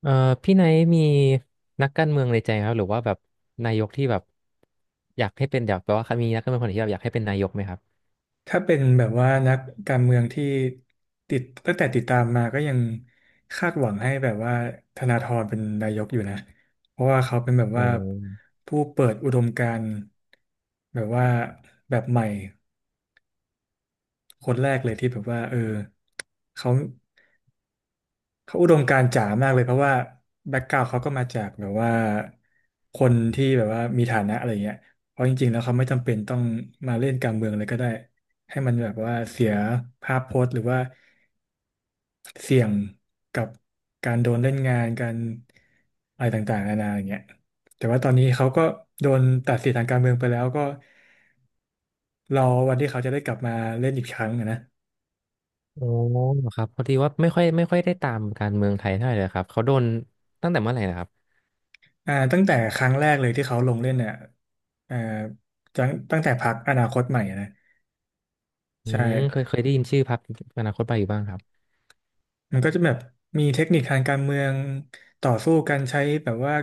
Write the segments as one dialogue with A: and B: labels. A: เอ่อพี่ไนท์มีนักการเมืองในใจไหมครับหรือว่าแบบนายกที่แบบอยากให้เป็นอยากแปลว่ามีนักการเมืองคนไหนที่แบบอยากให้เป็นนายกไหมครับ
B: ถ้าเป็นแบบว่านักการเมืองที่ตั้งแต่ติดตามมาก็ยังคาดหวังให้แบบว่าธนาธรเป็นนายกอยู่นะเพราะว่าเขาเป็นแบบ
A: โอ
B: ว่า
A: ้
B: ผู้เปิดอุดมการณ์แบบว่าแบบใหม่คนแรกเลยที่แบบว่าเออเขาเขาอุดมการณ์จ๋ามากเลยเพราะว่าแบ็กกราวด์เขาก็มาจากแบบว่าคนที่แบบว่ามีฐานะอะไรเงี้ยเพราะจริงๆแล้วเขาไม่จำเป็นต้องมาเล่นการเมืองเลยก็ได้ให้มันแบบว่าเสียภาพพจน์หรือว่า เสี่ยงกับการโดนเล่นงานการอะไรต่างๆนานาอย่างเงี้ยแต่ว่าตอนนี้เขาก็โดนตัดสิทธิ์ทางการเมืองไปแล้วก็รอวันที่เขาจะได้กลับมาเล่นอีกครั้งอะนะ
A: โอ้ครับพอดีว่าไม่ค่อยได้ตามการเมืองไทยเท่าไหร่เลยครับเขาโดนตั้งแต่เมื่อไหร่นะครับ
B: ตั้งแต่ครั้งแรกเลยที่เขาลงเล่นเนี่ยอ่าตั้งแต่พรรคอนาคตใหม่อะนะ
A: อื
B: ใช่
A: มเคยได้ยินชื่อพรรคอนาคตใหม่อยู่บ้างครับ
B: มันก็จะแบบมีเทคนิคทางการเมืองต่อสู้กันใช้แบบว่า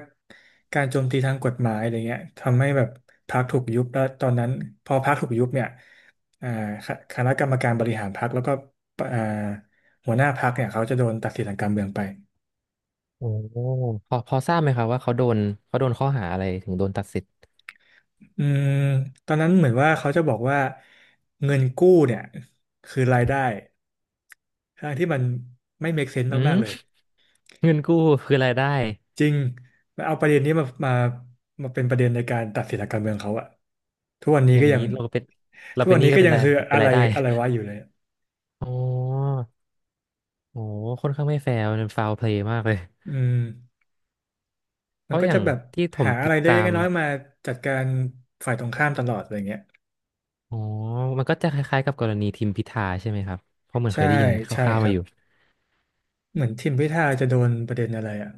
B: การโจมตีทางกฎหมายอะไรเงี้ยทำให้แบบพรรคถูกยุบแล้วตอนนั้นพอพรรคถูกยุบเนี่ยอ่าคคณะกรรมการบริหารพรรคแล้วก็อ่าหัวหน้าพรรคเนี่ยเขาจะโดนตัดสิทธิ์ทางการเมืองไป
A: โอ้พอทราบไหมครับว่าเขาโดนเขาโดนข้อหาอะไรถึงโดนตัดสิทธิ์
B: อืมตอนนั้นเหมือนว่าเขาจะบอกว่าเงินกู้เนี่ยคือรายได้ทางที่มันไม่ make sense
A: อืม
B: มากๆเลย
A: เงินกู้คือรายได้
B: จริงแล้วเอาประเด็นนี้มาเป็นประเด็นในการตัดสินทางการเมืองเขาอะ ทุกวันนี้
A: อย่า
B: ก็
A: ง
B: ยัง
A: นี้เราเป็นเรา
B: ทุก
A: เป็
B: วั
A: น
B: น
A: หนี้
B: นี้
A: ก็
B: ก็
A: เป็น
B: ยัง
A: ราย
B: คือ
A: เป็
B: อะ
A: น
B: ไร
A: รายได้
B: อะไรวะอยู่เลยอะ
A: อ๋อ โอ้ค่อนข้างไม่แฟร์มันฟาวเพลย์มากเลย
B: อืม
A: เพ
B: มัน
A: ราะ
B: ก็
A: อ
B: จะ
A: ย่าง
B: แบบ
A: ที่ผม
B: หาอะ
A: ติ
B: ไร
A: ดตา
B: เล็กๆ
A: ม
B: น้อยๆมาจัดการฝ่ายตรงข้ามตลอดอะไรเงี้ย
A: อ๋อมันก็จะคล้ายๆกับกรณีทิมพิธาใช่ไหมครับ เพราะเหมือนเค
B: ใช่
A: ยได้ยินค
B: ใช่
A: ร่าว
B: ค
A: ๆมา
B: รับ
A: อยู่
B: เหมือนทิมพิธาจะโดนประเด็นอะไรอ่ะ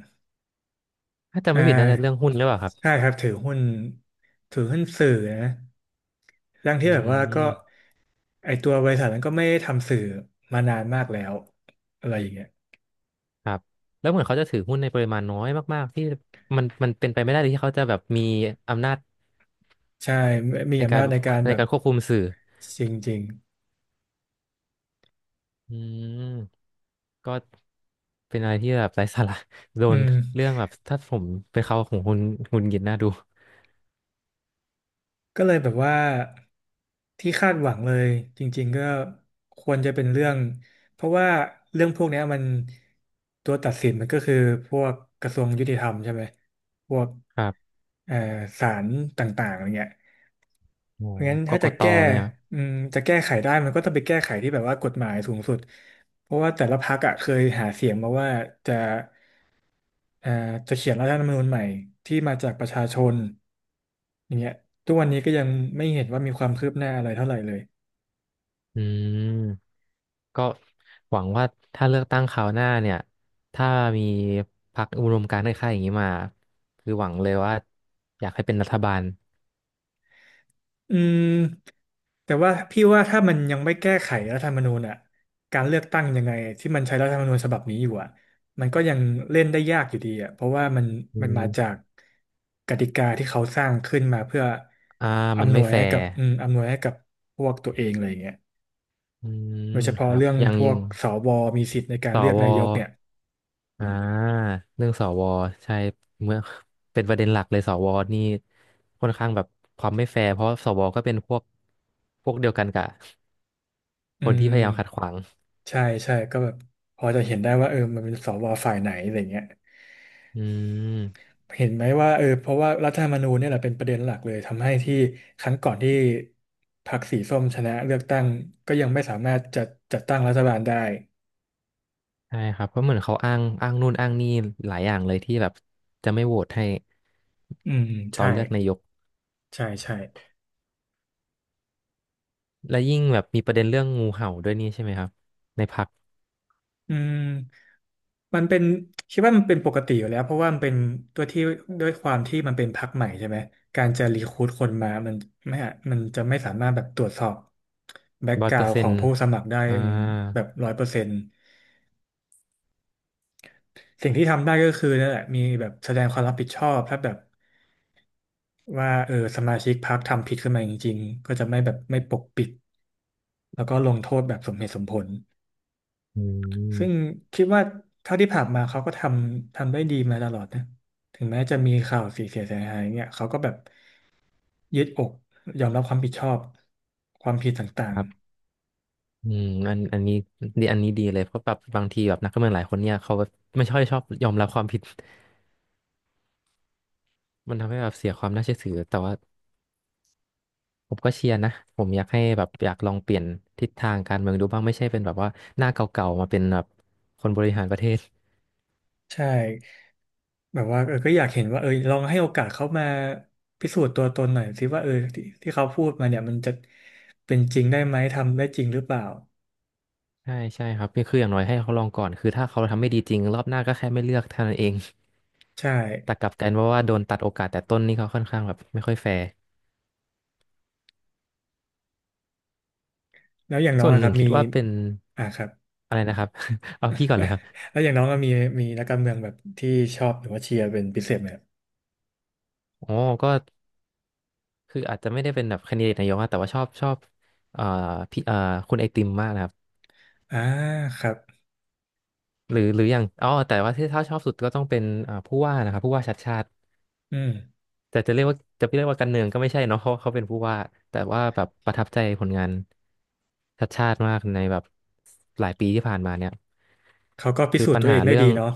A: ถ้าจำ
B: อ่
A: ไม่ผิดน่าจะเรื่อง
B: า
A: หุ้นหรือเปล่าครับ
B: ใช่ครับถือหุ้นสื่อนะทั้งที่
A: อื
B: แบบว่าก็
A: ม
B: ไอตัวบริษัทนั้นก็ไม่ได้ทำสื่อมานานมากแล้วอะไรอย่างเงี้ย
A: ครับ แล้วเหมือนเขาจะถือหุ้นในปริมาณน้อยมากๆที่มันเป็นไปไม่ได้เลยที่เขาจะแบบมีอำนาจ
B: ใช่มี
A: ใน
B: อำ
A: การ
B: นาจในการ
A: ใน
B: แบบ
A: การควบคุมสื่อ
B: จริง
A: อืมก็เป็นอะไรที่แบบไร้สาระโด
B: ๆอื
A: น
B: ม
A: เรื่องแบบถ้าผมเป็นเขาของคุณคุณหงุดหงิดน่าดู
B: ก็เลยแบบว่าที่คาดหวังเลยจริงๆก็ควรจะเป็นเรื่องเพราะว่าเรื่องพวกเนี้ยมันตัวตัดสินมันก็คือพวกกระทรวงยุติธรรมใช่ไหมพวก
A: ครับ
B: เอ่อศาลต่างๆอะไรเงี้ย
A: โอ้
B: เพราะงั้น
A: ก
B: ถ้า
A: ก
B: จะ
A: ต
B: แก้
A: ไหมครับ
B: อืมจะแก้ไขได้มันก็ต้องไปแก้ไขที่แบบว่ากฎหมายสูงสุดเพราะว่าแต่ละพรรคอะเคยหาเสียงมาว่าจะเอ่อจะเขียนรัฐธรรมนูญใหม่ที่มาจากประชาชนอย่างเงี้ยทุกวันนี้ก็ยังไม่เห็นว่ามีความคืบหน้าอะไรเท่าไหร่เลย
A: อืม ก็หวังว่าถ้าเลือกตั้งคราวหน้าเนี่ยถ้ามีพรรคอุดมการณ์คล้ายๆอย่างนี้มาคือหวังเลยว่าอยากให้เป็นรัฐบาล
B: อืมแต่ว่าพี่ว่าถ้ามันยังไม่แก้ไขรัฐธรรมนูญอ่ะการเลือกตั้งยังไงที่มันใช้รัฐธรรมนูญฉบับนี้อยู่อ่ะมันก็ยังเล่นได้ยากอยู่ดีอ่ะเพราะว่ามัน
A: อื
B: มันมา
A: ม
B: จากกติกาที่เขาสร้างขึ้นมาเพื่อ
A: อ่ามัน
B: อำน
A: ไม่
B: วย
A: แฟ
B: ให้กั
A: ร์
B: บอำนวยให้กับพวกตัวเองเลยอย่างเงี้ย
A: อืม
B: โดยเฉ
A: ค
B: พาะ
A: รับ
B: เรื่อง
A: อย่าง
B: พว
A: ยิ
B: ก
A: ง
B: สวมีสิทธิ์ในการ
A: ส
B: เลือกนายกเนี่
A: ว
B: ย
A: อ่าเรื่องสวใช่เมื่อเป็นประเด็นหลักเลยสวนี่ค่อนข้างแบบความไม่แฟร์เพราะสวก็เป็นพวกเดียวกันกับ
B: อื
A: คนที่พยายามขัดข
B: ม
A: วาง
B: ใช่ใช่ก็แบบพอจะเห็นได้ว่าเออมันเป็นสวฝ่ายไหนอะไรเงี้ย
A: อืม
B: เห็นไหมว่าเออเพราะว่ารัฐธรรมนูญเนี่ยแหละเป็นประเด็นหลักเลยทำให้ที่ครั้งก่อนที่พรรคสีส้มชนะเลือกตั้งก็ยังไม่สามารถจัดตั้งรัฐบาลได้
A: ใช่ครับเพราะเหมือนเขาอ้างอ้างนู่นอ้างนี่หลายอย่างเลยที่แบบจะไม่โหวตให้
B: อืม
A: ตอ
B: ใช่
A: นเลือกนายก
B: ใช่ใช่
A: และยิ่งแบบมีประเด็นเรื่องงูเห่าด้วยนี่ใช่ไหมครับในพรรค
B: อืมมันเป็นคิดว่ามันเป็นปกติอยู่แล้วเพราะว่ามันเป็นตัวที่ด้วยความที่มันเป็นพรรคใหม่ใช่ไหมการจะรีครูทคนมามันไม่อะมันจะไม่สามารถแบบตรวจสอบแบ็ก
A: ร้อ
B: ก
A: ย
B: รา
A: เปอ
B: ว
A: ร์
B: n d
A: เซ็
B: ขอ
A: น
B: ง
A: ต์
B: ผู้สมัครได้
A: อ่า
B: แบบ100% สิ่งที่ทำได้ก็คือนั่นแหละมีแบบแสดงความรับผิดชอบถ้าแบบว่าเออสมาชิกพรรคทำผิดขึ้นมาจริงๆก็จะไม่แบบไม่ปกปิดแล้วก็ลงโทษแบบสมเหตุสมผล
A: อื
B: ซึ่ง
A: ม
B: คิดว่าเท่าที่ผ่านมาเขาก็ทำได้ดีมาตลอดนะถึงแม้จะมีข่าวเสียหายเนี่ยเขาก็แบบยืดอกยอมรับความผิดชอบความผิดต่า
A: ค
B: ง
A: รั
B: ๆ
A: บอืมอันนี้ดีอันนี้ดีเลยเพราะแบบบางทีแบบนักการเมืองหลายคนเนี่ยเขาไม่ค่อยชอบยอมรับความผิด มันทำให้แบบเสียความน่าเชื่อถือแต่ว่าผมก็เชียร์นะผมอยากให้แบบอยากลองเปลี่ยนทิศทางการเมืองดูบ้างไม่ใช่เป็นแบบว่าหน้าเก่าๆมาเป็นแบบคนบริหารประเทศ
B: ใช่แบบว่าเออก็อยากเห็นว่าเออลองให้โอกาสเขามาพิสูจน์ตัวตนหน่อยสิว่าเออที่เขาพูดมาเนี่ยมันจะเป็นจริงได้ไหมทำได้จริงหรือเปล่า
A: ใช่ใช่ครับนี่คืออย่างน้อยให้เขาลองก่อนคือถ้าเขาทำไม่ดีจริงรอบหน้าก็แค่ไม่เลือกเท่านั้นเอง
B: ใช่
A: แต่กลับกันว่าโดนตัดโอกาสแต่ต้นนี่เขาค่อนข้างแบบไม่ค่อยแฟร์
B: แล้วอย่างน้อ
A: ส่
B: ง
A: วน
B: อะ
A: ห
B: ครั
A: นึ่ง
B: บ
A: คิ
B: มี
A: ดว่าเป็น
B: อ่าครับ
A: อะไรนะครับ เอาพี่ก่อนเลยครับ
B: แล้วอย่างน้องก็มีนักการเมืองแบบที่ชอบหรือว่าเชียร์เป็นพิเศษไหมครับ
A: อ๋อก็คืออาจจะไม่ได้เป็นแบบแคนดิเดตนายกอะแต่ว่าชอบชอบเอ่อพี่คุณไอติมมากนะครับ
B: อ่าครับ
A: หรือหรืออย่างอ๋อแต่ว่าที่ถ้าชอบสุดก็ต้องเป็นอ่าผู้ว่านะครับผู้ว่าชัดชาติ
B: อืม
A: แต่จะเรียกว่าการเมืองก็ไม่ใช่เนาะเพราะเขาเป็นผู้ว่าแต่ว่าแบบประทับใจผลงานชัดชาติมากในแบบหลายปีที่ผ่านมาเนี่ย
B: เขาก็พิ
A: คือ
B: สูจ
A: ปั
B: น์
A: ญ
B: ตัวเอ
A: หา
B: งได้
A: เรื่อ
B: ดี
A: ง
B: เนาะ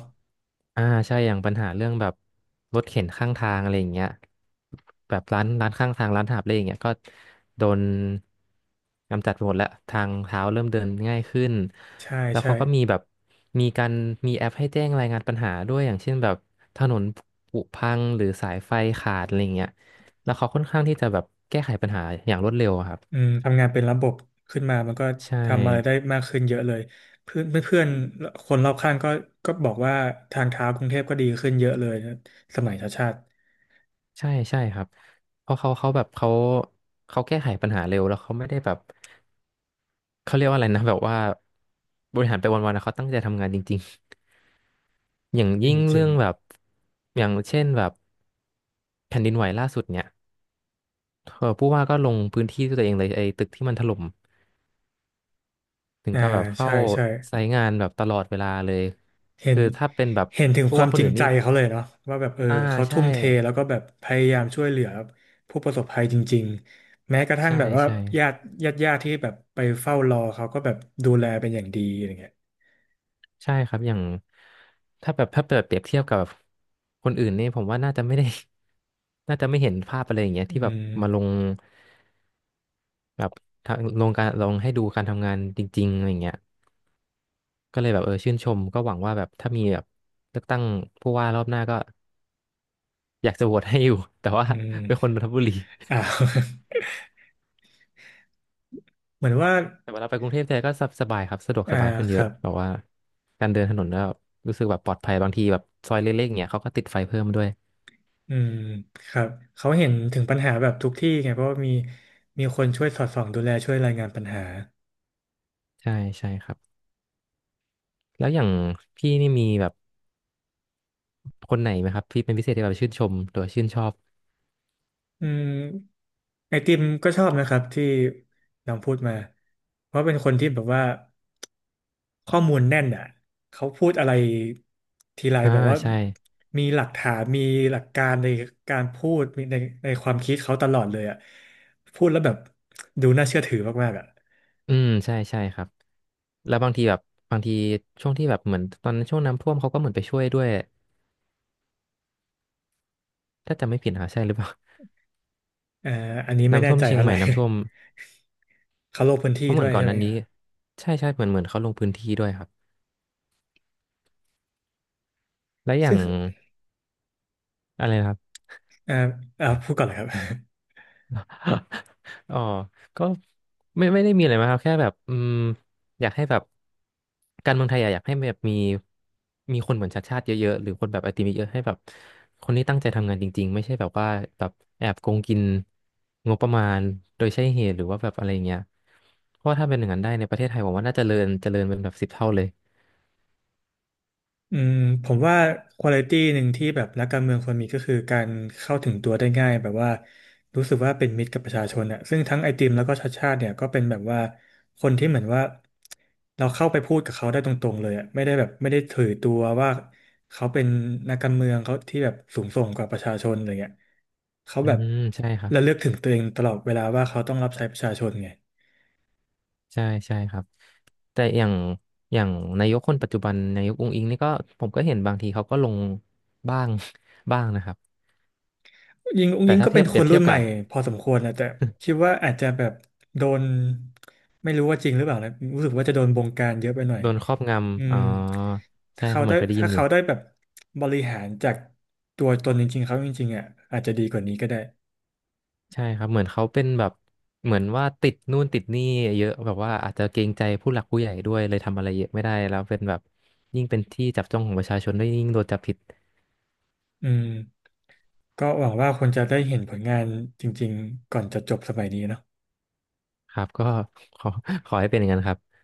A: อ่าใช่อย่างปัญหาเรื่องแบบรถเข็นข้างทางอะไรอย่างเงี้ยแบบร้านข้างทางร้านหาบเร่อย่างเงี้ยก็โดนกำจัดไปหมดแล้วทางเท้าเริ่มเดินง่ายขึ้น
B: ใช่
A: แล้ว
B: ใช่
A: เขาก็มีแบบมีการมีแอปให้แจ้งรายงานปัญหาด้วยอย่างเช่นแบบถนนผุพังหรือสายไฟขาดอะไรเงี้ยแล้วเขาค่อนข้างที่จะแบบแก้ไขปัญหาอย่างรวดเร็วอะครับ
B: อืมทำงานเป็นระบบขึ้นมามันก็
A: ใช่
B: ทำอะไรได้มากขึ้นเยอะเลยเพื่อนเพื่อนๆคนรอบข้างก็บอกว่าทางเท้ากรุงเทพก็ดีขึ้นเยอะเลยนะสมัยชาติชาติ
A: ใช่ใช่ครับเพราะเขาแก้ไขปัญหาเร็วแล้วเขาไม่ได้แบบเขาเรียกว่าอะไรนะแบบว่าบริหารไปวันๆนะเขาตั้งใจทำงานจริงๆ อย่างยิ่ง
B: จริ
A: เรื่
B: ง
A: องแบบอย่างเช่นแบบแผ่นดินไหวล่าสุดเนี่ยเออผู้ว่าก็ลงพื้นที่ด้วยตัวเองเลยไอ้ตึกที่มันถล่ม ถึ
B: ๆ
A: ง
B: อ่า
A: กับแบบเฝ้า
B: ใช่ใช่
A: ไซต์งานแบบตลอดเวลาเลย
B: เห็น
A: คือถ้าเป็นแบบ
B: เห็นถึง
A: พว
B: ค
A: ก
B: วา
A: ว่า
B: ม
A: ค
B: จ
A: น
B: ริง
A: อื่น
B: ใจ
A: นี่
B: เขาเลยเนาะว่าแบบเออ
A: อ่า
B: เขา
A: ใช่
B: ทุ่มเทแล้วก็แบบพยายามช่วยเหลือผู้ประสบภัยจริงๆแม้กระทั่ง
A: ใช่
B: แบบว่า
A: ใช่
B: ญาติญาติที่แบบไปเฝ้ารอเขาก็แบบดูแลเป็นอย่างดีอะไรเงี้ย
A: ใช่ครับ อย่างถ้าแบบถ้าเปรียบเทียบกับคนอื่นนี่ผมว่าน่าจะไม่ได้ น่าจะไม่เห็นภาพอะไรอย่างเงี้ย
B: อื
A: ที่แบบ
B: ม
A: มาลงแบบทางลงการลงให้ดูการทำงานจริงๆอะไรอย่างเงี้ยก็เลยแบบเออชื่นชมก็หวังว่าแบบถ้ามีแบบเลือกตั้งผู้ว่ารอบหน้าก็อยากจะโหวตให้อยู่ แต่ว่า
B: อื
A: เป็นค
B: ม
A: นนนทบุรี
B: อ่า เหมือนว่า
A: แต่เวลาไปกรุงเทพแท้ก็สบายครับสะดวก
B: อ่า
A: สบายขึ้น
B: ค
A: เย
B: รั
A: อะ
B: บ
A: แบบว่าการเดินถนนแล้วรู้สึกแบบปลอดภัยบางทีแบบซอยเล็กๆเนี่ยเขาก็ติดไฟเพิ่มด้วย
B: อืมครับเขาเห็นถึงปัญหาแบบทุกที่ไงเพราะว่ามีคนช่วยสอดส่องดูแลช่วยรายงานปัญหา
A: ใช่ใช่ครับแล้วอย่างพี่นี่มีแบบคนไหนไหมครับที่เป็นพิเศษที่แบบชื่นชมหรือว่าชื่นชอบ
B: อืมไอติมก็ชอบนะครับที่น้องพูดมาเพราะเป็นคนที่แบบว่าข้อมูลแน่นอ่ะเขาพูดอะไรทีไร
A: อ่า
B: แบบว่า
A: ใช่
B: มีหลักฐานมีหลักการในการพูดมีในความคิดเขาตลอดเลยอ่ะพูดแล้วแบบดูน่าเชื่อถือมากๆอ่ะ
A: อืมใช่ใช่ครับแล้วบางทีแบบบางทีช่วงที่แบบเหมือนตอนนั้นช่วงน้ำท่วมเขาก็เหมือนไปช่วยด้วยถ้าจำไม่ผิดนะใช่หรือเปล่า
B: เอ่ออันนี้ ไม่
A: น้ำ
B: แน่
A: ท่วม
B: ใจ
A: เชียง
B: เท่า
A: ให
B: ไห
A: ม่
B: ร่
A: น้ำท่วม
B: เขาลงพื้น
A: เพ
B: ที่
A: ราะเหมื
B: ด้
A: อ
B: ว
A: น
B: ย
A: ก่อน
B: ใช่
A: ห
B: ไหม
A: นั้น
B: ค
A: นี้
B: รับ
A: ใช่ใช่เหมือนเขาลงพื้นที่ด้วยครับและอย่างอะไรนะครับ
B: อ่าอ่าพูดก่อนเลยครับ
A: อ๋อก็ไม่ได้มีอะไรมากครับแค่แบบอยากให้แบบการเมืองไทยอะอยากให้แบบมีคนเหมือนชาติชาติเยอะๆหรือคนแบบไอติมเยอะๆให้แบบคนที่ตั้งใจทำงานจริงๆไม่ใช่แบบว่าแบบแอบโกงกินงบประมาณโดยใช่เหตุหรือว่าแบบอะไรเงี้ยเพราะว่าถ้าเป็นอย่างนั้นได้ในประเทศไทยผมว่าน่าจะเจริญเจริญเป็นแบบสิบเท่าเลย
B: อืมผมว่าคุณภาพหนึ่งที่แบบนักการเมืองควรมีก็คือการเข้าถึงตัวได้ง่ายแบบว่ารู้สึกว่าเป็นมิตรกับประชาชนอ่ะซึ่งทั้งไอติมแล้วก็ชาติชาติเนี่ยก็เป็นแบบว่าคนที่เหมือนว่าเราเข้าไปพูดกับเขาได้ตรงๆเลยอ่ะไม่ได้แบบไม่ได้ถือตัวว่าเขาเป็นนักการเมืองเขาที่แบบสูงส่งกว่าประชาชนอะไรเงี้ยเขา
A: อื
B: แบบ
A: มใช่ครับ
B: ระลึกถึงตัวเองตลอดเวลาว่าเขาต้องรับใช้ประชาชนไง
A: ใช่ใช่ครับแต่อย่างอย่างนายกคนปัจจุบันนายกอุ๊งอิ๊งนี่ก็ผมก็เห็นบางทีเขาก็ลงบ้าง บ้างนะครับ
B: ยิงอุ้ง
A: แต่
B: ยิง
A: ถ้า
B: ก็
A: เที
B: เป็
A: ย
B: น
A: บเป
B: ค
A: รี
B: น
A: ยบเที
B: รุ่
A: ย
B: น
A: บ
B: ให
A: กั
B: ม่
A: บ
B: พอสมควรนะแต่คิด ว่าอาจจะแบบโดนไม่รู้ว่าจริงหรือเปล่านะรู้สึกว่าจะโดนบงการเยอะไปหน่อย
A: โดนครอบง
B: อื
A: ำอ๋
B: ม
A: อ
B: ถ้า
A: ใช่ค
B: เขา
A: รับเหมื
B: ได้
A: อนเคยได้ยิ
B: ถ้า
A: นอยู่
B: เขาได้แบบบริหารจากตัวตนจริงๆเขาจริงๆอ่ะอาจจะดีกว่านี้ก็ได้
A: ใช่ครับเหมือนเขาเป็นแบบเหมือนว่าติดนู่นติดนี่เยอะแบบว่าอาจจะเกรงใจผู้หลักผู้ใหญ่ด้วยเลยทำอะไรเยอะไม่ได้แล้วเป็นแบบยิ่งเป็นที่จับจ้องของประชาชนด้วยยิ่งโดนจับผิด
B: อืมก็หวังว่าคนจะได้เห็นผลงานจริงๆก่อนจะจบสมัยนี้เนอะ
A: ครับก็ ขอขอให้เป็นอย่างนั้นครับ